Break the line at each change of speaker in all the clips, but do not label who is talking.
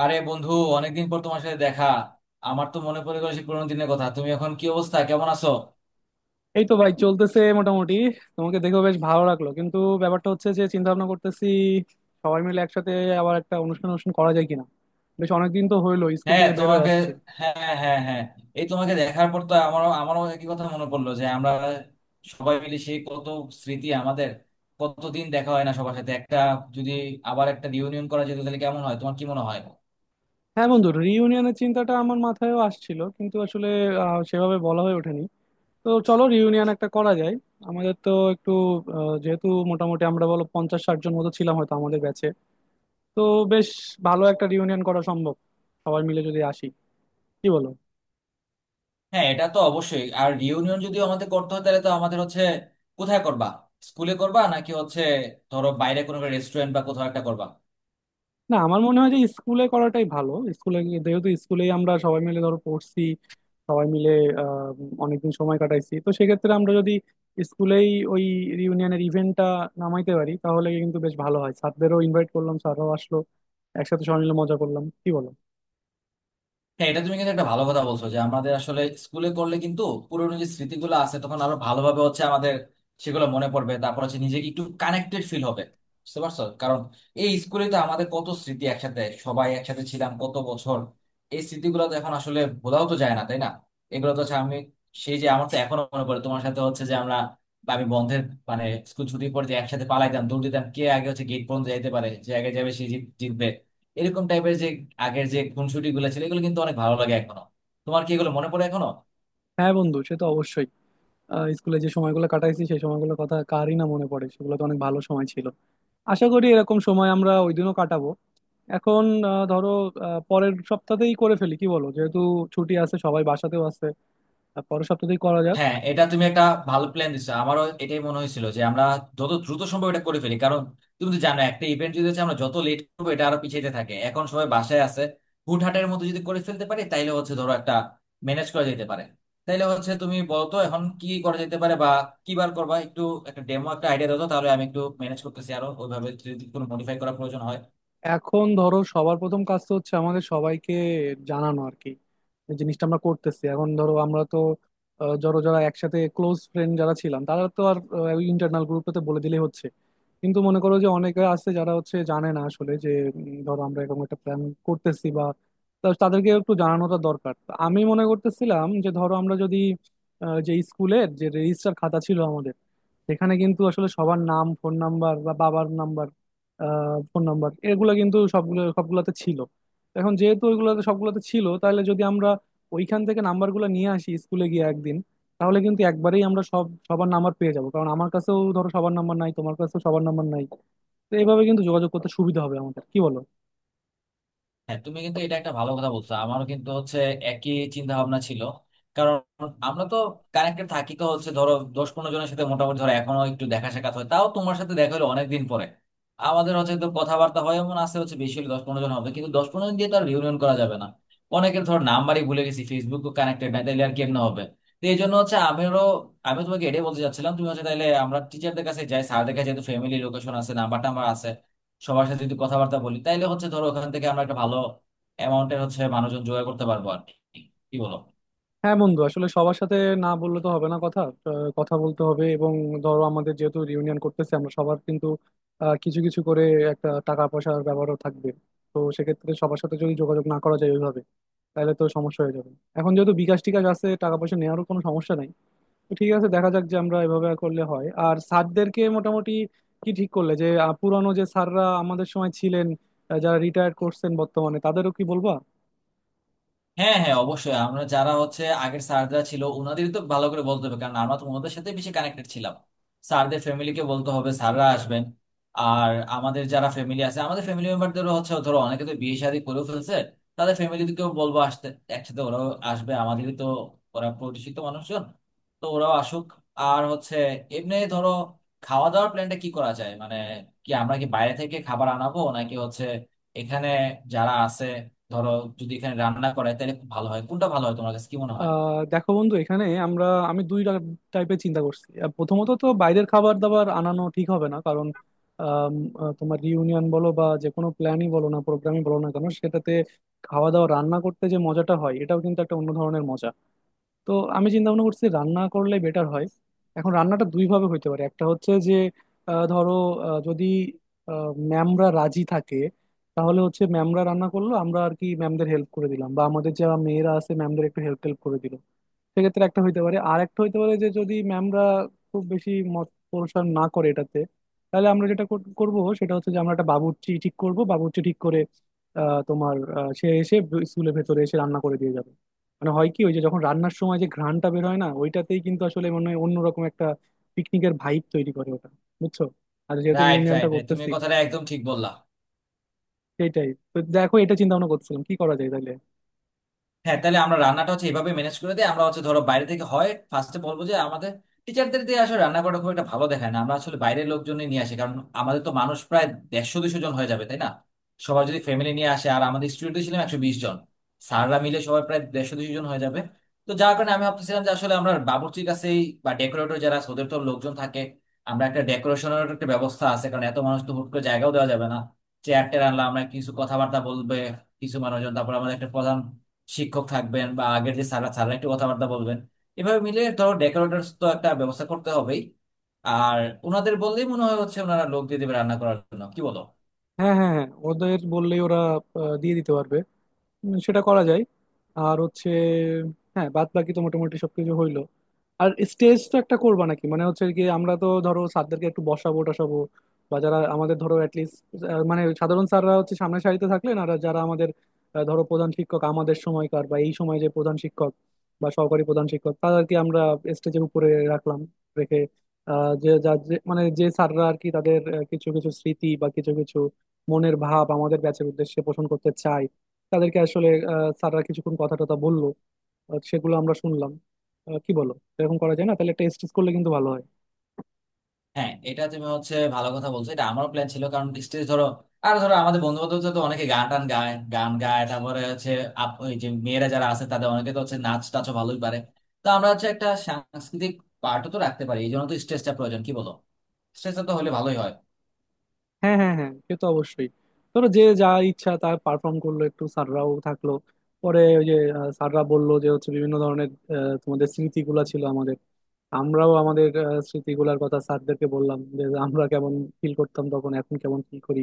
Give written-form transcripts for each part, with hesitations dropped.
আরে বন্ধু, অনেকদিন পর তোমার সাথে দেখা। আমার তো মনে পড়ে গেল সেই পুরোনো দিনের কথা। তুমি এখন কি অবস্থা, কেমন আছো?
এই তো ভাই চলতেছে মোটামুটি। তোমাকে দেখেও বেশ ভালো লাগলো, কিন্তু ব্যাপারটা হচ্ছে যে চিন্তা ভাবনা করতেছি সবাই মিলে একসাথে আবার একটা অনুষ্ঠান অনুষ্ঠান করা যায় কিনা। বেশ অনেকদিন তো হইলো স্কুল
হ্যাঁ
থেকে বের হয়ে
তোমাকে,
আসছে।
হ্যাঁ হ্যাঁ হ্যাঁ হ্যাঁ। এই তোমাকে দেখার পর তো আমারও আমারও একই কথা মনে পড়লো যে আমরা সবাই মিলে সেই কত স্মৃতি আমাদের, কতদিন দেখা হয় না সবার সাথে। একটা যদি আবার একটা রিউনিয়ন করা যেত তাহলে কেমন হয়, তোমার কি মনে হয়?
হ্যাঁ বন্ধু, রিইউনিয়নের চিন্তাটা আমার মাথায়ও আসছিল, কিন্তু আসলে সেভাবে বলা হয়ে ওঠেনি। তো চলো রিউনিয়ন একটা করা যায়। আমাদের তো একটু যেহেতু মোটামুটি আমরা বলো 50-60 জন মতো ছিলাম হয়তো আমাদের ব্যাচে, তো বেশ ভালো একটা রিউনিয়ন করা সম্ভব সবাই মিলে যদি আসি, কি বলো?
হ্যাঁ এটা তো অবশ্যই। আর রিউনিয়ন যদি আমাদের করতে হয় তাহলে তো আমাদের হচ্ছে কোথায় করবা, স্কুলে করবা, নাকি হচ্ছে ধরো বাইরে কোনো রেস্টুরেন্ট বা কোথাও একটা করবা?
না, আমার মনে হয় যে স্কুলে করাটাই ভালো। যেহেতু স্কুলেই আমরা সবাই মিলে ধরো পড়ছি, সবাই মিলে আহ, অনেকদিন সময় কাটাইছি, তো সেক্ষেত্রে আমরা যদি স্কুলেই ওই রিউনিয়নের ইভেন্টটা নামাইতে পারি তাহলে কিন্তু বেশ ভালো হয়। স্যারদেরও ইনভাইট করলাম, স্যাররাও আসলো, একসাথে সবাই মিলে মজা করলাম, কি বলো?
হ্যাঁ এটা তুমি কিন্তু একটা ভালো কথা বলছো যে আমাদের আসলে স্কুলে করলে কিন্তু পুরোনো যে স্মৃতিগুলো আছে তখন আরো ভালোভাবে হচ্ছে আমাদের সেগুলো মনে পড়বে। তারপর হচ্ছে নিজেকে একটু কানেক্টেড ফিল হবে, বুঝতে পারছো? কারণ এই স্কুলে তো আমাদের কত স্মৃতি, একসাথে সবাই একসাথে ছিলাম কত বছর। এই স্মৃতিগুলো তো এখন আসলে ভোলাও তো যায় না, তাই না? এগুলো তো হচ্ছে, আমি সেই যে, আমার তো এখনো মনে পড়ে তোমার সাথে হচ্ছে যে আমরা, বা আমি বন্ধের মানে স্কুল ছুটির পর যে একসাথে পালাইতাম, দৌড় দিতাম, কে আগে হচ্ছে গেট পর্যন্ত যাইতে পারে, যে আগে যাবে সে জিতবে। এরকম টাইপের যে আগের যে খুনসুটি গুলো ছিল এগুলো কিন্তু অনেক ভালো লাগে এখনো। তোমার কি এগুলো মনে পড়ে এখনো?
হ্যাঁ বন্ধু, সে তো অবশ্যই। স্কুলে যে সময়গুলো কাটাইছি, সেই সময়গুলোর কথা কারই না মনে পড়ে, সেগুলো তো অনেক ভালো সময় ছিল। আশা করি এরকম সময় আমরা ওই দিনও কাটাবো। এখন আহ, ধরো পরের সপ্তাহতেই করে ফেলি, কি বলো? যেহেতু ছুটি আছে, সবাই বাসাতেও আছে, আর পরের সপ্তাহতেই করা যাক।
হ্যাঁ এটা তুমি একটা ভালো প্ল্যান দিচ্ছো। আমারও এটাই মনে হয়েছিল যে আমরা যত দ্রুত সম্ভব এটা করে ফেলি, কারণ তুমি তো জানো একটা ইভেন্ট যদি হচ্ছে আমরা যত লেট করবো এটা আরো পিছাইতে থাকে। এখন সবাই বাসায় আছে, হুটহাটের মতো যদি করে ফেলতে পারি তাইলে হচ্ছে ধরো একটা ম্যানেজ করা যেতে পারে। তাইলে হচ্ছে তুমি বলো তো এখন কি করা যেতে পারে, বা কি বার করবা একটু, একটা ডেমো একটা আইডিয়া দাও তো, তাহলে আমি একটু ম্যানেজ করতেছি। আরো ওইভাবে যদি কোনো মডিফাই করার প্রয়োজন হয়।
এখন ধরো সবার প্রথম কাজ তো হচ্ছে আমাদের সবাইকে জানানো আর কি, এই জিনিসটা আমরা করতেছি। এখন ধরো আমরা তো ধরো যারা একসাথে ক্লোজ ফ্রেন্ড যারা ছিলাম, তারা তো আর ওই ইন্টারনাল গ্রুপটাতে বলে দিলেই হচ্ছে। কিন্তু মনে করো যে অনেকে আছে যারা হচ্ছে জানে না আসলে যে ধরো আমরা এরকম একটা প্ল্যান করতেছি বা, তা তাদেরকে একটু জানানোটা দরকার। তো আমি মনে করতেছিলাম যে ধরো আমরা যদি যে স্কুলের যে রেজিস্টার খাতা ছিল আমাদের, সেখানে কিন্তু আসলে সবার নাম, ফোন নাম্বার বা বাবার নাম্বার, ফোন নাম্বার এগুলো কিন্তু সবগুলো সবগুলাতে ছিল। এখন যেহেতু ওইগুলোতে সবগুলোতে ছিল, তাহলে যদি আমরা ওইখান থেকে নাম্বারগুলো নিয়ে আসি স্কুলে গিয়ে একদিন, তাহলে কিন্তু একবারেই আমরা সবার নাম্বার পেয়ে যাবো। কারণ আমার কাছেও ধরো সবার নাম্বার নাই, তোমার কাছেও সবার নাম্বার নাই। তো এইভাবে কিন্তু যোগাযোগ করতে সুবিধা হবে আমাদের, কি বলো?
হ্যাঁ তুমি কিন্তু এটা একটা ভালো কথা বলছো, আমারও কিন্তু হচ্ছে একই চিন্তা ভাবনা ছিল। কারণ আমরা তো কানেক্টেড থাকি তো হচ্ছে ধরো 10-15 জনের সাথে মোটামুটি, ধরো এখনো একটু দেখা সাক্ষাৎ হয়। তাও তোমার সাথে দেখা হলো অনেকদিন পরে। আমাদের হচ্ছে তো কথাবার্তা হয় এমন আছে হচ্ছে বেশি হলে 10-15 জন হবে, কিন্তু 10-15 জন দিয়ে তো আর রিউনিয়ন করা যাবে না। অনেকের ধর নাম্বারই ভুলে গেছি, ফেসবুক কানেক্টেড নাই, তাহলে আর কেমনে হবে? তো এই জন্য হচ্ছে আমিও, আমি তোমাকে এটাই বলতে চাচ্ছিলাম তুমি হচ্ছে, তাহলে আমরা টিচারদের কাছে যাই, স্যারদের কাছে, যেহেতু ফ্যামিলি লোকেশন আছে, নাম্বার টাম্বার আছে, সবার সাথে যদি কথাবার্তা বলি তাইলে হচ্ছে ধরো ওখান থেকে আমরা একটা ভালো অ্যামাউন্টের হচ্ছে মানুষজন জোগাড় করতে পারবো আর কি। কি বলো?
হ্যাঁ বন্ধু, আসলে সবার সাথে না বললে তো হবে না। কথা আহ, কথা বলতে হবে এবং ধরো আমাদের যেহেতু রিউনিয়ন করতেছে, আমরা সবার কিন্তু কিছু কিছু করে একটা টাকা পয়সার ব্যাপারও থাকবে। তো সেক্ষেত্রে সবার সাথে যদি যোগাযোগ না করা যায় ওইভাবে, তাহলে তো সমস্যা হয়ে যাবে। এখন যেহেতু বিকাশ টিকাশ আছে, টাকা পয়সা নেওয়ারও কোনো সমস্যা নাই। তো ঠিক আছে, দেখা যাক যে আমরা এভাবে করলে হয়। আর স্যারদেরকে মোটামুটি কি ঠিক করলে যে পুরানো যে স্যাররা আমাদের সময় ছিলেন, যারা রিটায়ার করছেন বর্তমানে, তাদেরও কি বলবা?
হ্যাঁ হ্যাঁ অবশ্যই, আমরা যারা হচ্ছে আগের স্যাররা ছিল ওনাদেরই তো ভালো করে বলতে হবে, কারণ আমরা তো ওনাদের সাথে বেশি কানেক্টেড ছিলাম। স্যারদের ফ্যামিলিকে বলতে হবে, স্যাররা আসবেন। আর আমাদের যারা ফ্যামিলি আছে, আমাদের ফ্যামিলি মেম্বারদেরও হচ্ছে ধরো অনেকে তো বিয়ে শাদী করেও ফেলছে, তাদের ফ্যামিলিকেও বলবো আসতে, একসাথে ওরাও আসবে। আমাদেরই তো ওরা পরিচিত মানুষজন, তো ওরাও আসুক। আর হচ্ছে এমনি ধরো খাওয়া দাওয়ার প্ল্যানটা কি করা যায়, মানে কি আমরা কি বাইরে থেকে খাবার আনাবো, নাকি হচ্ছে এখানে যারা আছে, ধরো যদি এখানে রান্না করায় তাহলে খুব ভালো হয়। কোনটা ভালো হয়, তোমার কাছে কি মনে হয়?
আহ দেখো বন্ধু, এখানে আমরা, আমি দুই টাইপের চিন্তা করছি। প্রথমত তো বাইরের খাবার দাবার আনানো ঠিক হবে না, কারণ আম, তোমার রিউনিয়ন বলো বা যে কোনো প্ল্যানই বলো না, প্রোগ্রামই বলো না কেন, সেটাতে খাওয়া দাওয়া রান্না করতে যে মজাটা হয়, এটাও কিন্তু একটা অন্য ধরনের মজা। তো আমি চিন্তা ভাবনা করছি রান্না করলে বেটার হয়। এখন রান্নাটা দুই ভাবে হইতে পারে। একটা হচ্ছে যে আহ, ধরো যদি ম্যামরা রাজি থাকে, তাহলে হচ্ছে ম্যামরা রান্না করলো, আমরা আর কি ম্যামদের হেল্প করে দিলাম, বা আমাদের যারা মেয়েরা আছে ম্যামদের একটু হেল্প টেল্প করে দিল। সেক্ষেত্রে একটা হইতে পারে। আর একটা হইতে পারে যে যদি ম্যামরা খুব বেশি মত পোষণ না করে এটাতে, তাহলে আমরা যেটা করব সেটা হচ্ছে যে আমরা একটা বাবুর্চি ঠিক করব। বাবুর্চি ঠিক করে সে এসে স্কুলের ভেতরে এসে রান্না করে দিয়ে যাবে। মানে হয় কি, ওই যে যখন রান্নার সময় যে ঘ্রাণটা বের হয় না, ওইটাতেই কিন্তু আসলে মনে হয় অন্যরকম একটা পিকনিকের ভাইব তৈরি করে ওটা, বুঝছো? আর যেহেতু
রাইট,
রিউনিয়নটা
রাইট, রাইট, তুমি
করতেছি,
এই কথাটা একদম ঠিক বললা।
সেটাই তো। দেখো এটা চিন্তা ভাবনা করছিলাম কি করা যায়, তাহলে
হ্যাঁ তাহলে আমরা রান্নাটা হচ্ছে এভাবে ম্যানেজ করে দিই। আমরা হচ্ছে ধরো বাইরে থেকে হয়, ফার্স্টে বলবো যে আমাদের টিচারদের দিয়ে আসলে রান্না করা খুব একটা ভালো দেখায় না, আমরা আসলে বাইরের লোকজন নিয়ে আসি। কারণ আমাদের তো মানুষ প্রায় 150-200 জন হয়ে যাবে, তাই না? সবাই যদি ফ্যামিলি নিয়ে আসে, আর আমাদের স্টুডেন্ট ছিলাম 120 জন, স্যাররা মিলে সবাই প্রায় 150-200 জন হয়ে যাবে। তো যার কারণে আমি ভাবতেছিলাম যে আসলে আমরা বাবুর্চির কাছেই, বা ডেকোরেটর যারা আছে, ওদের তো লোকজন থাকে। আমরা একটা ডেকোরেশনের একটা ব্যবস্থা আছে, কারণ এত মানুষ তো হুট করে জায়গাও দেওয়া যাবে না। চেয়ার টেয়ার আনলাম, আমরা কিছু কথাবার্তা বলবে কিছু মানুষজন, তারপর আমাদের একটা প্রধান শিক্ষক থাকবেন, বা আগের যে স্যাররা স্যাররা একটু কথাবার্তা বলবেন। এভাবে মিলে ধরো ডেকোরেটরস তো একটা ব্যবস্থা করতে হবেই। আর ওনাদের বললেই মনে হয় হচ্ছে ওনারা লোক দিয়ে দেবে রান্না করার জন্য। কি বলো?
হ্যাঁ হ্যাঁ হ্যাঁ। ওদের বললেই ওরা দিয়ে দিতে পারবে। সেটা করা যায়। আর হচ্ছে, হ্যাঁ, বাদ বাকি তো মোটামুটি সবকিছু হইলো। আর স্টেজ তো একটা করবা নাকি? মানে হচ্ছে কি, আমরা তো ধরো স্যারদেরকে একটু বসাবো টসাবো, বা যারা আমাদের ধরো অ্যাটলিস্ট মানে সাধারণ স্যাররা হচ্ছে সামনের সারিতে থাকলেন, আর যারা আমাদের ধরো প্রধান শিক্ষক আমাদের সময়কার বা এই সময় যে প্রধান শিক্ষক বা সহকারী প্রধান শিক্ষক, তাদেরকে আমরা স্টেজের উপরে রাখলাম। রেখে আহ, যে যা যে- মানে যে স্যাররা আর কি, তাদের কিছু কিছু স্মৃতি বা কিছু কিছু মনের ভাব আমাদের ব্যাচের উদ্দেশ্যে পোষণ করতে চায়, তাদেরকে আসলে স্যাররা কিছুক্ষণ কথা টথা বললো, সেগুলো আমরা শুনলাম। কি বলো এরকম করা যায় না? তাহলে টেস্ট করলে কিন্তু ভালো হয়।
হ্যাঁ এটা তুমি হচ্ছে ভালো কথা বলছো, এটা আমারও প্ল্যান ছিল। কারণ স্টেজ ধরো, আর ধরো আমাদের বন্ধু বান্ধব তো অনেকে গান টান গায়, গান গায়, তারপরে হচ্ছে ওই যে মেয়েরা যারা আছে তাদের অনেকে তো হচ্ছে নাচ টাচও ভালোই পারে। তো আমরা হচ্ছে একটা সাংস্কৃতিক পার্টও তো রাখতে পারি, এই জন্য তো স্টেজটা প্রয়োজন। কি বলো? স্টেজটা তো হলে ভালোই হয়।
হ্যাঁ হ্যাঁ হ্যাঁ, সে তো অবশ্যই। ধরো যে যা ইচ্ছা তা পারফর্ম করলো, একটু স্যাররাও থাকলো, পরে ওই যে স্যাররা বললো যে হচ্ছে বিভিন্ন ধরনের তোমাদের স্মৃতিগুলা ছিল আমাদের, আমরাও আমাদের স্মৃতিগুলার কথা স্যারদেরকে বললাম, যে আমরা কেমন ফিল করতাম তখন, এখন কেমন ফিল করি।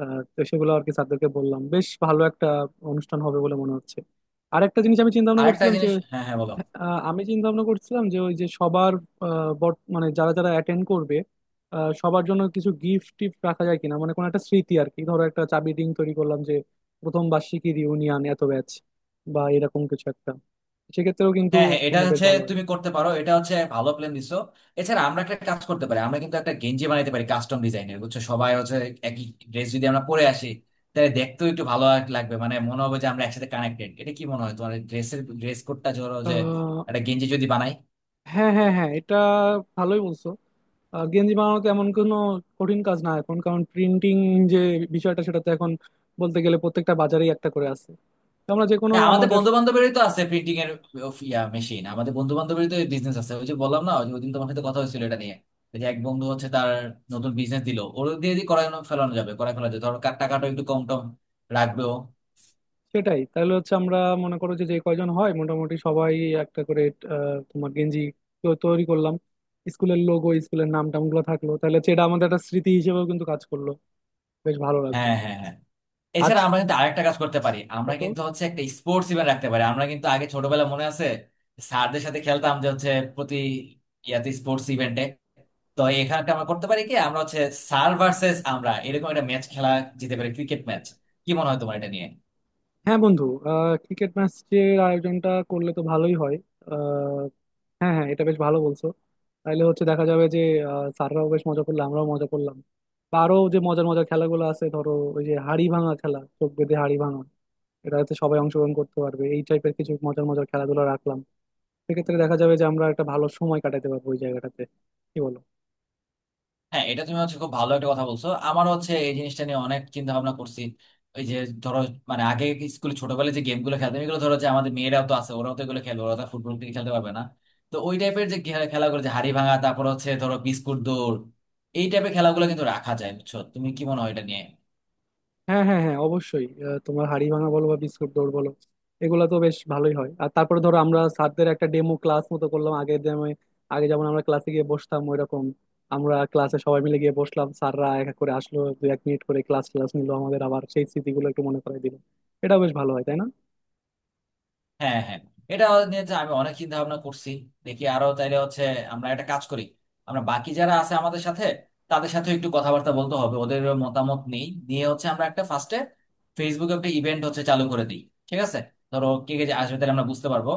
তো সেগুলো আর কি স্যারদেরকে বললাম। বেশ ভালো একটা অনুষ্ঠান হবে বলে মনে হচ্ছে। আরেকটা জিনিস আমি চিন্তা ভাবনা
আরেকটা
করছিলাম।
জিনিস, হ্যাঁ হ্যাঁ বলো।
আমি চিন্তা ভাবনা করছিলাম যে ওই যে সবার মানে যারা যারা অ্যাটেন্ড করবে, সবার জন্য কিছু গিফট টিফট রাখা যায় কিনা, মানে কোনো একটা স্মৃতি আর কি। ধরো একটা চাবি রিং তৈরি করলাম যে প্রথম বার্ষিকী রিউনিয়ন এত ব্যাচ, বা এরকম কিছু একটা। সেক্ষেত্রেও কিন্তু
হ্যাঁ হ্যাঁ এটা
তোমার বেশ
হচ্ছে
ভালো হয়।
তুমি করতে পারো, এটা হচ্ছে ভালো প্ল্যান দিছো। এছাড়া আমরা একটা কাজ করতে পারি, আমরা কিন্তু একটা গেঞ্জি বানাইতে পারি কাস্টম ডিজাইনের, বুঝছো? সবাই হচ্ছে একই ড্রেস যদি আমরা পরে আসি তাহলে দেখতেও একটু ভালো লাগবে, মানে মনে হবে যে আমরা একসাথে কানেক্টেড। এটা কি মনে হয় তোমার, ড্রেসের ড্রেস কোডটা ধরো যে
আহ,
একটা গেঞ্জি যদি বানাই?
হ্যাঁ হ্যাঁ হ্যাঁ, এটা ভালোই বলছো। গেঞ্জি বানানো তো এমন কোনো কঠিন কাজ না এখন, কারণ প্রিন্টিং যে বিষয়টা, সেটা তো এখন বলতে গেলে প্রত্যেকটা বাজারেই একটা করে আছে। তো আমরা যে কোনো
হ্যাঁ আমাদের
আমাদের
বন্ধু বান্ধবেরই তো আছে প্রিন্টিং এর of ইয়া মেশিন, আমাদের বন্ধু বান্ধবেরই তো বিজনেস আছে। ওই যে বললাম না, ওই যে ওদিন তোমার সাথে কথা হয়েছিল এটা নিয়ে, ওই যে এক বন্ধু হচ্ছে তার নতুন বিজনেস দিল, ওর দিয়ে দিয়ে করানো ফেলানো যাবে, করায় ফেলা যাবে, ধরো টাকাটা একটু কম টম রাখবেও।
সেটাই, তাহলে হচ্ছে আমরা মনে করো যে যে কয়জন হয়, মোটামুটি সবাই একটা করে তোমার গেঞ্জি তো তৈরি করলাম, স্কুলের লোগো স্কুলের নাম টাম গুলো থাকলো, তাহলে হচ্ছে এটা আমাদের একটা স্মৃতি হিসেবেও কিন্তু কাজ করলো, বেশ ভালো লাগবে।
হ্যাঁ হ্যাঁ হ্যাঁ,
আর
এছাড়া আমরা কিন্তু আরেকটা কাজ করতে পারি, আমরা
ছোট,
কিন্তু হচ্ছে একটা স্পোর্টস ইভেন্ট রাখতে পারি। আমরা কিন্তু আগে ছোটবেলা মনে আছে স্যারদের সাথে খেলতাম, যে হচ্ছে প্রতি ইয়াতে স্পোর্টস ইভেন্টে। তো এখানে একটা আমরা করতে পারি কি, আমরা হচ্ছে স্যার ভার্সেস আমরা এরকম একটা ম্যাচ খেলা যেতে পারি, ক্রিকেট ম্যাচ। কি মনে হয় তোমার এটা নিয়ে?
হ্যাঁ বন্ধু, আহ ক্রিকেট ম্যাচের আয়োজনটা করলে তো ভালোই হয়। আহ, হ্যাঁ হ্যাঁ, এটা বেশ ভালো বলছো। তাহলে হচ্ছে দেখা যাবে যে স্যাররাও বেশ মজা করলো, আমরাও মজা করলাম। বা আরো যে মজার মজার খেলাগুলো আছে ধরো, ওই যে হাড়ি ভাঙা খেলা, চোখ বেঁধে হাড়ি ভাঙা, এটা হচ্ছে সবাই অংশগ্রহণ করতে পারবে। এই টাইপের কিছু মজার মজার খেলাধুলা রাখলাম, সেক্ষেত্রে দেখা যাবে যে আমরা একটা ভালো সময় কাটাতে পারবো ওই জায়গাটাতে, কি বলো?
হ্যাঁ এটা তুমি হচ্ছে খুব ভালো একটা কথা বলছো, আমার হচ্ছে এই জিনিসটা নিয়ে অনেক চিন্তা ভাবনা করছি। ওই যে ধরো মানে আগে স্কুলে ছোটবেলায় যে গেম গুলো খেলতাম এগুলো, ধরো যে আমাদের মেয়েরাও তো আছে, ওরাও তো এগুলো খেলবে, ওরা তো ফুটবল থেকে খেলতে পারবে না। তো ওই টাইপের যে খেলাগুলো, যে হাড়ি ভাঙা, তারপর হচ্ছে ধরো বিস্কুট দৌড়, এই টাইপের খেলাগুলো কিন্তু রাখা যায়, বুঝছো? তুমি কি মনে হয় এটা নিয়ে?
হ্যাঁ হ্যাঁ হ্যাঁ, অবশ্যই। তোমার হাড়ি ভাঙা বলো বা বিস্কুট দৌড় বলো, এগুলো তো বেশ ভালোই হয়। আর তারপরে ধরো আমরা স্যারদের একটা ডেমো ক্লাস মতো করলাম, আগে যেমন আগে যেমন আমরা ক্লাসে গিয়ে বসতাম ওইরকম আমরা ক্লাসে সবাই মিলে গিয়ে বসলাম, স্যাররা এক এক করে আসলো, 2-1 মিনিট করে ক্লাস ক্লাস নিলো, আমাদের আবার সেই স্মৃতিগুলো একটু মনে করাই দিল। এটাও বেশ ভালো হয়, তাই না?
হ্যাঁ হ্যাঁ, এটা নিয়ে যে আমি অনেক চিন্তা ভাবনা করছি। দেখি আরো, তাইলে হচ্ছে আমরা একটা কাজ করি, আমরা বাকি যারা আছে আমাদের সাথে তাদের সাথে একটু কথাবার্তা বলতে হবে, ওদের মতামত নেই নিয়ে হচ্ছে আমরা একটা ফার্স্টে ফেসবুকে একটা ইভেন্ট হচ্ছে চালু করে দিই, ঠিক আছে? ধরো কে কে যে আসবে তাহলে আমরা বুঝতে পারবো।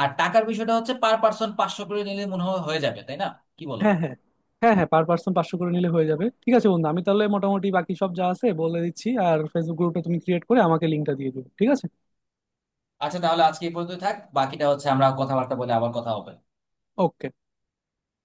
আর টাকার বিষয়টা হচ্ছে পার পার্সন 500 করে নিলে মনে হয় হয়ে যাবে, তাই না? কি বলো?
হ্যাঁ হ্যাঁ হ্যাঁ। হ্যাঁ, পার পার্সন 500 করে নিলে হয়ে যাবে। ঠিক আছে বন্ধু, আমি তাহলে মোটামুটি বাকি সব যা আছে বলে দিচ্ছি, আর ফেসবুক গ্রুপটা তুমি ক্রিয়েট করে আমাকে লিঙ্কটা দিয়ে দিও, ঠিক আছে?
আচ্ছা তাহলে আজকে এই পর্যন্ত থাক, বাকিটা হচ্ছে আমরা কথাবার্তা বলে আবার কথা হবে।
ওকে।